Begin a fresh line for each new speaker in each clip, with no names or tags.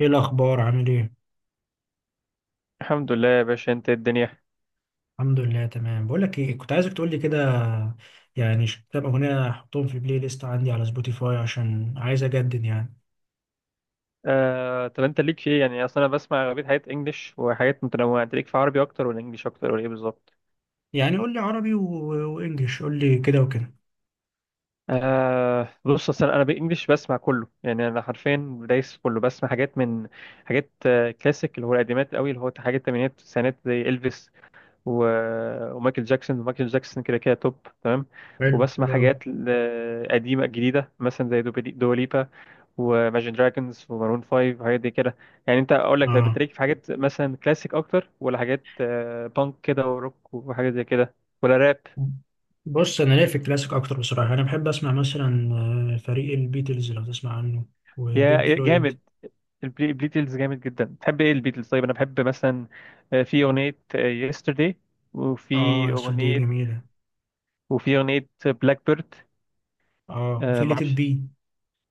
ايه الاخبار؟ عامل ايه؟
الحمد لله يا باشا، انت إيه الدنيا؟
الحمد لله، تمام. بقول لك ايه، كنت عايزك تقول لي كده. يعني كام اغنيه احطهم في بلاي ليست عندي على سبوتيفاي، عشان عايز اجدد يعني.
طب انت ليك في ايه؟ يعني اصلا انا بسمع اغلبيه حاجات انجلش وحاجات متنوعه. انت ليك في عربي اكتر ولا انجلش اكتر ولا ايه بالظبط؟
يعني قول لي عربي وانجليش، قول لي كده وكده.
آه بص، اصلا انا بانجلش بسمع كله. يعني انا حرفيا دايس في كله، بسمع حاجات من حاجات آه، كلاسيك، اللي هو القديمات قوي، اللي هو حاجات الثمانينات والتسعينات زي الفيس و... ومايكل جاكسون. كده كده توب. تمام.
حلو،
وبسمع
حلو قوي.
حاجات قديمه جديده، مثلا زي دوبليبا وماجن دراجونز ومارون 5 وحاجات دي كده. يعني انت اقول لك، طيب
اه،
انت ليك في حاجات مثلا كلاسيك اكتر ولا حاجات بانك كده وروك وحاجات زي كده؟ ولا راب؟
بص، انا ليا في الكلاسيك اكتر بصراحه. انا بحب اسمع مثلا فريق البيتلز لو تسمع عنه، وبينك
يا
فلويد.
جامد. البيتلز جامد جدا. بتحب ايه البيتلز؟ طيب انا بحب مثلا في اغنية يسترداي.
اه
وفي
يا أسطى، دي
اغنية
جميله.
وفي اغنية بلاك بيرد.
اه، وفي
ما
ليت
اعرفش.
بي.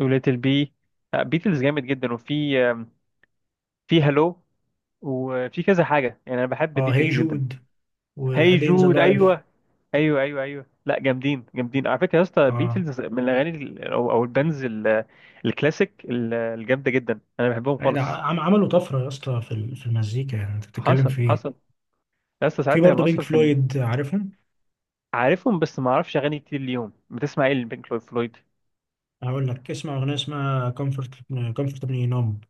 وليتل بي. بيتلز جامد جدا. وفي آم، في هالو، وفي كذا حاجة. يعني انا بحب
اه، هي
بيتلز جدا.
جود،
هاي
وادين ذا
جود،
لايف.
ايوه. ايوه، ايوه، ايوه، لا جامدين جامدين على فكره يا اسطى.
اه،
بيتلز من الاغاني ال- او او البانز الكلاسيك الجامده جدا. انا بحبهم
لا،
خالص.
عملوا طفرة يا اسطى في في المزيكا، يعني انت بتتكلم
حصل،
في ايه؟
حصل. يا اسطى
في
ساعتها كان
برضه بينك
اصلا كان
فلويد، عارفهم؟
عارفهم، بس ما اعرفش اغاني كتير. اليوم بتسمع ايه البينك فلويد؟
هقول لك اسمع اغنية اسمها كومفورتبلي نوم.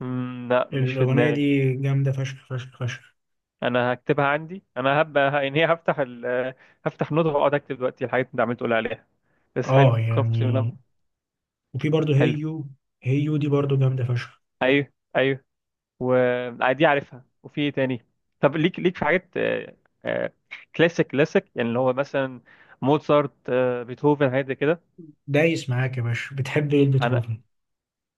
مم، لا مش في
الاغنية
دماغي.
دي جامدة فشخ فشخ فشخ.
انا هكتبها عندي. انا هبقى يعني هفتح هفتح نوت واقعد اكتب دلوقتي الحاجات اللي انت عمال تقول عليها. بس حلو
اه
كومفورت.
يعني. وفي برضه
حلو.
هيو، هيو دي برضه جامدة فشخ.
ايوه، ايوه. ودي عارفها. وفي ايه تاني؟ طب ليك في حاجات آه، كلاسيك كلاسيك، يعني اللي هو مثلا موزارت، بيتهوفن، حاجات زي كده؟
دايس معاك يا باشا، بتحب ايه
انا
بيتهوفن؟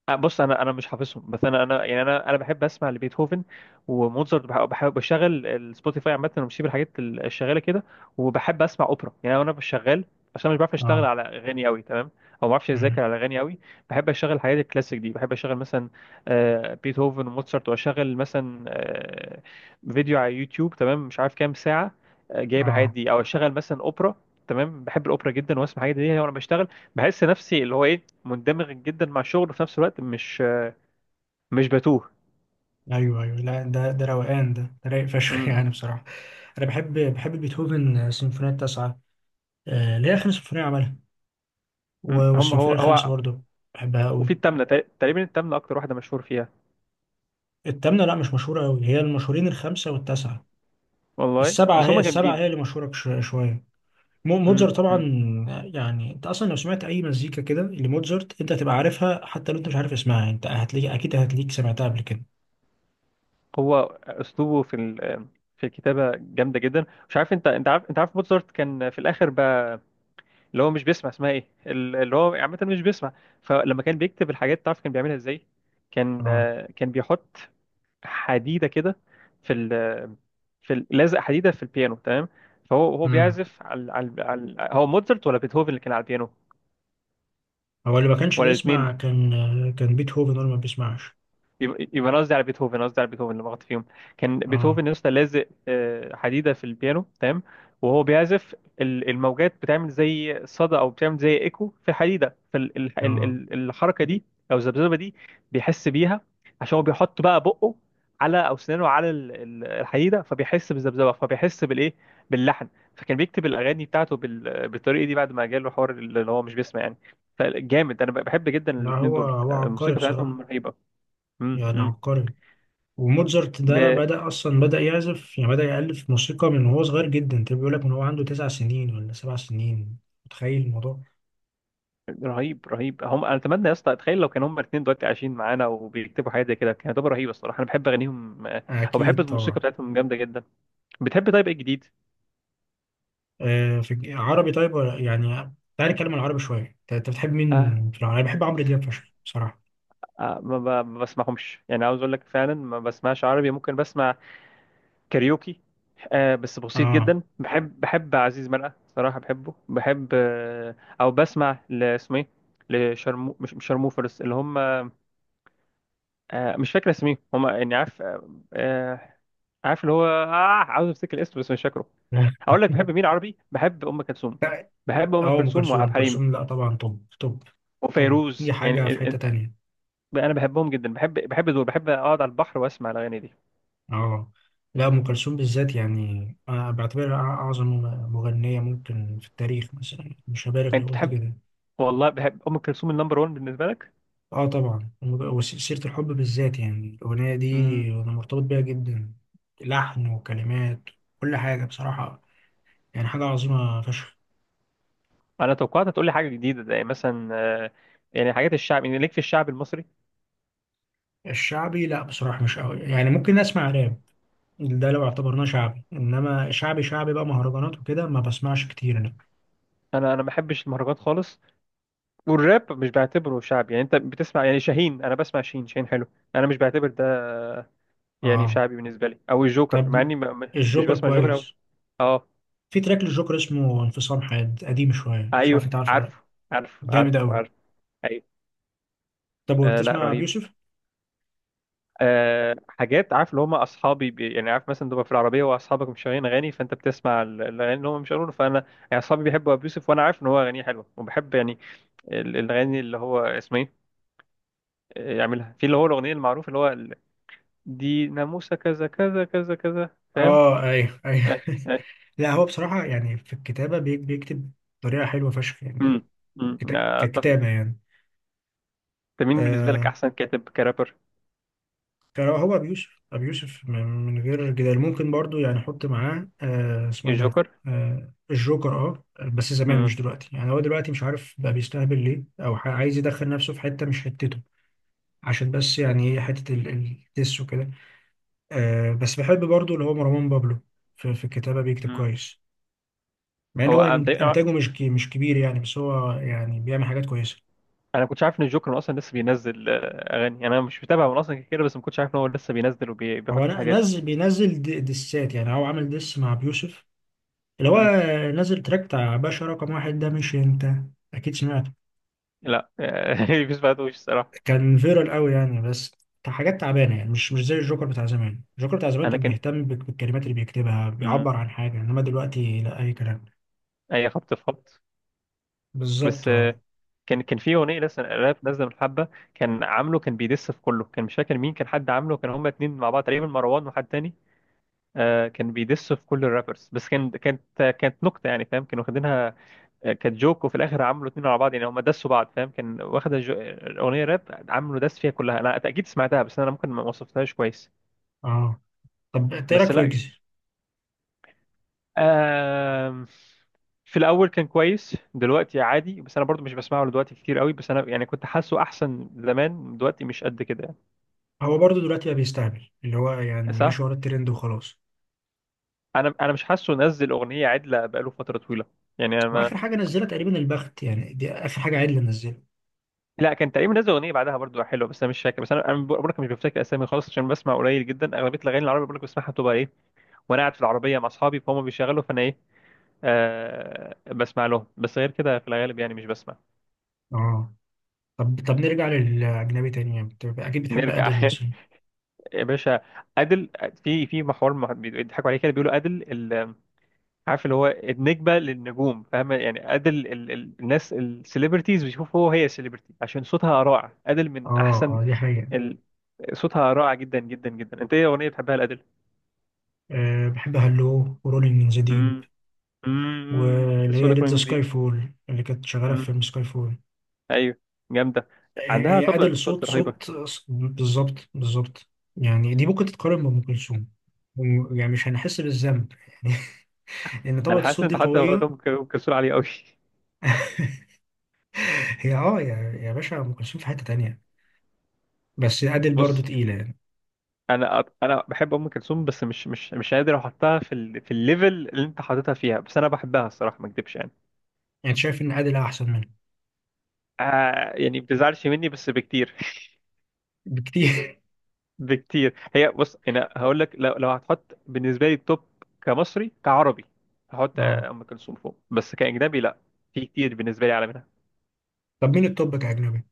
بص، انا مش حافظهم، بس انا يعني انا بحب اسمع لبيتهوفن وموزارت. بحب بشغل السبوتيفاي عامه، وبسيب الحاجات الشغاله كده. وبحب اسمع اوبرا. يعني انا مش شغال عشان مش بعرف اشتغل
اه.
على اغاني قوي. تمام. او ما بعرفش
امم.
اذاكر على اغاني قوي. بحب اشغل الحاجات الكلاسيك دي. بحب اشغل مثلا بيتهوفن وموزارت، واشغل مثلا فيديو على يوتيوب. تمام. مش عارف كام ساعه جايب الحاجات
اه.
دي، او اشغل مثلا اوبرا. تمام. بحب الاوبرا جدا، واسمع الحاجات دي يعني وانا بشتغل. بحس نفسي اللي هو ايه، مندمج جدا مع الشغل، وفي نفس الوقت مش بتوه.
ايوه، ايوه، لا، ده روقان، ده رايق فشخ يعني
م-
بصراحة. انا بحب، بيتهوفن سيمفونية التاسعة، اللي هي اخر سيمفونية عملها،
هو
والسيمفونية الخامسة
هو
برضو. بحبها
وفي
قوي.
التامنة تقريبا، التامنة أكتر واحدة مشهور فيها.
التامنة لا، مش مشهورة قوي، هي المشهورين الخمسة والتاسعة.
والله،
السبعة
بس
هي
هم
السبعة،
جامدين.
هي اللي مشهورة شوية.
م-
موتزارت طبعا.
م.
يعني انت اصلا لو سمعت اي مزيكا كده لموتزارت، انت هتبقى عارفها حتى لو انت مش عارف اسمها. انت هتلاقي، اكيد هتلاقيك سمعتها قبل كده.
هو أسلوبه في الكتابة جامدة جدا. مش عارف، أنت عارف؟ أنت عارف موتسارت كان في الآخر بقى اللي هو مش بيسمع؟ اسمها إيه اللي هو عامة مش بيسمع. فلما كان بيكتب الحاجات، تعرف كان بيعملها إزاي؟ كان
اه.
كان بيحط حديده كده في ال لازق حديده في البيانو. تمام. فهو
امم.
بيعزف على هو موتزارت ولا بيتهوفن اللي كان على البيانو؟
هو اللي ما كانش
ولا الاثنين؟
بيسمع، كان بيتهوفن هو اللي ما بيسمعش.
يبقى انا قصدي على بيتهوفن. أنا قصدي على بيتهوفن اللي لغلط فيهم. كان
اه.
بيتهوفن يا اسطى لازق حديده في البيانو. تمام. وهو بيعزف. الموجات بتعمل زي صدى، او بتعمل زي ايكو في حديده.
اه.
فالحركه دي او الذبذبه دي بيحس بيها. عشان هو بيحط بقى على او سنانه على الحديده، فبيحس بالذبذبه، فبيحس بالايه، باللحن. فكان بيكتب الاغاني بتاعته بالطريقه دي بعد ما جاله حوار اللي هو مش بيسمع يعني. فجامد. انا بحب جدا
لا،
الاثنين
هو
دول.
هو عبقري
الموسيقى بتاعتهم
بصراحة،
رهيبه. امم
يعني
امم
عبقري. وموتزارت ده
ب...
بدأ أصلا، بدأ يعزف، يعني بدأ يألف موسيقى من وهو صغير جدا، تبقى بيقول لك من هو عنده 9 سنين ولا 7 سنين، متخيل الموضوع؟
رهيب، رهيب. هم انا اتمنى يا اسطى، اتخيل لو كانوا هم الاثنين دلوقتي عايشين معانا وبيكتبوا حاجه زي كده كانت هتبقى رهيبه الصراحه. انا بحب اغانيهم او بحب
أكيد
الموسيقى
طبعا.
بتاعتهم. جامده جدا. بتحب؟ طيب ايه جديد؟
آه، في عربي طيب ولا يعني. تعالى نتكلم عن العربي شوية. أنت بتحب
آه.
مين في العربي؟ أنا بحب عمرو دياب فشخ بصراحة.
آه. ما بسمعهمش يعني. عاوز اقول لك فعلا ما بسمعش عربي. ممكن بسمع كاريوكي. آه، بس بسيط
آه
جدا. بحب عزيز مرقه صراحه، بحبه. بحب آه، او بسمع اسمه ايه، لشرمو. مش شرموفرز اللي هم آه، مش فاكر اسميهم. هم يعني عارف، آه آه، عارف اللي هو اه عاوز افتكر الاسم بس مش فاكره. هقول لك بحب مين عربي. بحب ام كلثوم. بحب ام
اه، أم
كلثوم
كلثوم،
وعبد
أم
الحليم
كلثوم، لا طبعا. طب، طب. طب دي
وفيروز.
حاجة
يعني
في حتة تانية.
انا بحبهم جدا. بحب دول. بحب اقعد على البحر واسمع الاغاني دي.
اه، لا، ام كلثوم بالذات يعني أنا بعتبرها اعظم مغنيه ممكن في التاريخ مثلا، مش هبالغ لو
انت
قلت
بتحب،
كده.
والله بحب ام كلثوم. النمبر 1 بالنسبه لك؟
اه طبعا. وسيره الحب بالذات، يعني الاغنيه دي
امم.
انا مرتبط بيها جدا. لحن وكلمات، كل حاجه بصراحه. يعني حاجه عظيمه فشخ.
انا توقعت هتقول لي حاجه جديده، زي مثلا آه، يعني حاجات الشعب، يعني ليك في الشعب المصري.
الشعبي لا، بصراحه مش قوي. يعني ممكن اسمع راب، ده لو اعتبرناه شعبي. انما شعبي شعبي بقى، مهرجانات وكده، ما بسمعش كتير انا.
انا ما بحبش المهرجانات خالص. والراب مش بعتبره شعب. يعني انت بتسمع يعني شاهين؟ انا بسمع شاهين، شاهين حلو. انا مش بعتبر يعني
اه.
شعبي بالنسبه لي، او الجوكر مع
طب
اني مش
الجوكر
بسمع جوكر أوي.
كويس.
اه.
في تراك للجوكر اسمه انفصام حاد، قديم شوية، مش عارف
ايوه.
انت عارفه ولا لأ.
عارفه، عارفه،
جامد قوي.
عارفه. ايوه.
طب،
آه، لا
وبتسمع
رهيب.
بيوسف؟
آه، حاجات عارف، اللي هم اصحابي بي. يعني عارف مثلا تبقى في العربيه واصحابك مش شغالين اغاني، فانت بتسمع الاغاني اللي هم مش شغالين. فانا يعني اصحابي بيحبوا ابي يوسف، وانا عارف ان هو اغانيه حلوه وبحب يعني الاغاني. اللي هو اسمه ايه، يعملها في اللي هو الاغنيه المعروفه، اللي هو دي ناموسه كذا كذا كذا كذا. فاهم؟
اه، ايوه، ايوه
آه، آه.
لا، هو بصراحة يعني في الكتابة بيكتب بطريقة حلوة فشخ يعني.
امم. اتفق.
ككتابة يعني.
انت مين بالنسبه لك
آه،
احسن كاتب كرابر؟
كان هو أبي يوسف، أبي يوسف من غير جدال. ممكن برضو يعني أحط معاه، آه، اسمه إيه ده؟
الجوكر.
آه، الجوكر، أه. بس زمان مش
امم.
دلوقتي يعني، هو دلوقتي مش عارف بقى بيستهبل ليه، أو عايز يدخل نفسه في حتة مش حتته، عشان بس يعني إيه حتة الدس وكده. آه، بس بحب برضو اللي هو مروان بابلو، في الكتابة بيكتب
امم.
كويس، مع ان
هو
هو
انا
انتاجه مش مش كبير يعني، بس هو يعني بيعمل حاجات كويسة.
انا كنتش عارف ان الجوكر اصلا لسه بينزل اغاني. انا مش متابع من اصلا كتير، بس ما كنتش عارف ان هو لسه بينزل
هو
وبيحط حاجات.
نزل، بينزل دسات. يعني هو عامل دس مع بيوسف، اللي هو
امم.
نزل تراك بتاع باشا رقم واحد، ده مش انت اكيد سمعته؟
لا. مفيش بعدوش الصراحه.
كان فيرال قوي يعني، بس كان حاجات تعبانة يعني، مش زي الجوكر بتاع زمان. الجوكر بتاع زمان
انا
كان
كان.
بيهتم بالكلمات اللي بيكتبها،
امم.
بيعبر عن حاجة. انما دلوقتي لا، اي كلام.
اي خبط في خبط.
بالظبط،
بس
اه.
كان في اغنيه لسه راب نازله من حبه. كان عامله، كان بيدس في كله. كان مش فاكر مين، كان حد عامله. كان هما اتنين مع بعض تقريبا، مروان وحد تاني. كان بيدس في كل الرابرز، بس كانت نكته يعني، فاهم، كانوا واخدينها كانت جوك. وفي الاخر عملوا اتنين على بعض. يعني هم دسوا بعض، فاهم؟ كان واخده اغنيه راب عملوا دس فيها كلها. انا اكيد سمعتها، بس انا ممكن ما وصفتهاش كويس.
اه، طب إنت ايه
بس
رايك في
لا.
ويجز؟
آم... في الاول كان كويس، دلوقتي عادي. بس انا برضو مش بسمعه دلوقتي كتير قوي. بس انا يعني كنت حاسه احسن زمان، دلوقتي مش قد كده يعني.
هو برضه دلوقتي بقى بيستعمل اللي هو يعني
صح.
ماشي ورا الترند وخلاص.
انا مش حاسه نزل اغنيه عدله بقاله فتره طويله. يعني انا ما...
واخر حاجه نزلها تقريبا البخت، يعني دي اخر حاجه عادل نزلها.
لا كان تقريبا نزل اغنيه بعدها برضو حلوه، بس انا مش فاكر. بس انا بقول لك مش بفتكر اسامي خالص، عشان بسمع قليل جدا. اغلبيه الاغاني العربيه بقول لك بسمعها، بتبقى ايه وانا قاعد في العربيه مع اصحابي، فهم بيشغلوا فانا ايه آه، بسمع لهم. بس غير كده في الغالب يعني مش بسمع.
اه. طب طب، نرجع للاجنبي تاني، يعني أنت اكيد بتحب
نرجع
ادل مثلا.
يا باشا. عادل. في محور بيضحكوا عليه كده، بيقولوا عادل عارف اللي هو النجمه للنجوم، فاهم يعني. عادل الناس السليبرتيز بيشوفوا هو هي سليبرتي عشان صوتها رائع. عادل من
اه.
احسن
اه دي حقيقه.
ال... صوتها رائع جدا جدا جدا. انت ايه اغنيه بتحبها لعادل؟
أه، بحب هالو ورولينج ان ذا ديب،
امم امم. كنت
واللي
لسه بقول
هي
لك
ليت ذا
Rolling
سكاي
Deep.
فول اللي كانت شغاله في فيلم
مم.
سكاي فول.
ايوه. جامده.
هي
عندها
هي ادل
طبقه
صوت،
صوت رهيبه.
بالظبط، بالظبط. يعني دي ممكن تتقارن بام كلثوم، يعني مش هنحس بالذنب يعني لان طبقه
انا حاسس
الصوت
ان
دي
انت حتى وقت
قويه.
ام كلثوم عليه قوي.
هي اه يا يا باشا، ام كلثوم في حته تانية، بس عادل برضو
بص
تقيله يعني.
انا بحب ام كلثوم، بس مش قادر احطها في الليفل اللي انت حاططها فيها. بس انا بحبها الصراحه، ما اكدبش يعني.
يعني شايف ان عادل احسن منه
آه يعني ما بتزعلش مني بس بكتير
بكتير
بكتير. هي بص انا هقول لك، لو هتحط بالنسبه لي التوب كمصري كعربي، هحط
اه.
ام كلثوم فوق. بس كاجنبي لا، في كتير بالنسبه لي اعلى منها.
طب مين التوب كاجنبي؟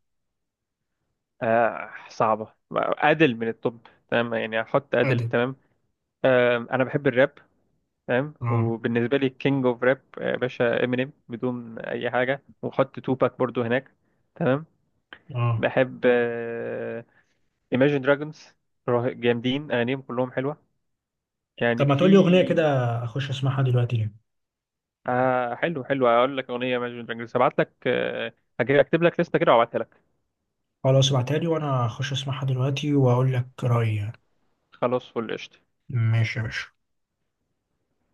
آه صعبه. ادل من التوب، تمام؟ يعني هحط ادل
عادل.
تمام. آه انا بحب الراب فاهم.
اه.
وبالنسبه لي كينج اوف راب يا باشا امينيم بدون اي حاجه، وحط توباك برضو هناك. تمام.
اه
بحب ايماجين دراجونز، جامدين. اغانيهم كلهم حلوه.
طب،
يعني
ما تقول لي
في
اغنيه كده اخش اسمعها دلوقتي ليه؟
آه، حلو، حلو. هقول لك اغنيه ايماجين دراجونز، هبعت لك هكتب لك لسته كده وابعتها لك.
خلاص، ابعتها لي وانا اخش اسمعها دلوقتي واقول لك رايي يعني.
خلاص، فل قشطه.
ماشي يا باشا.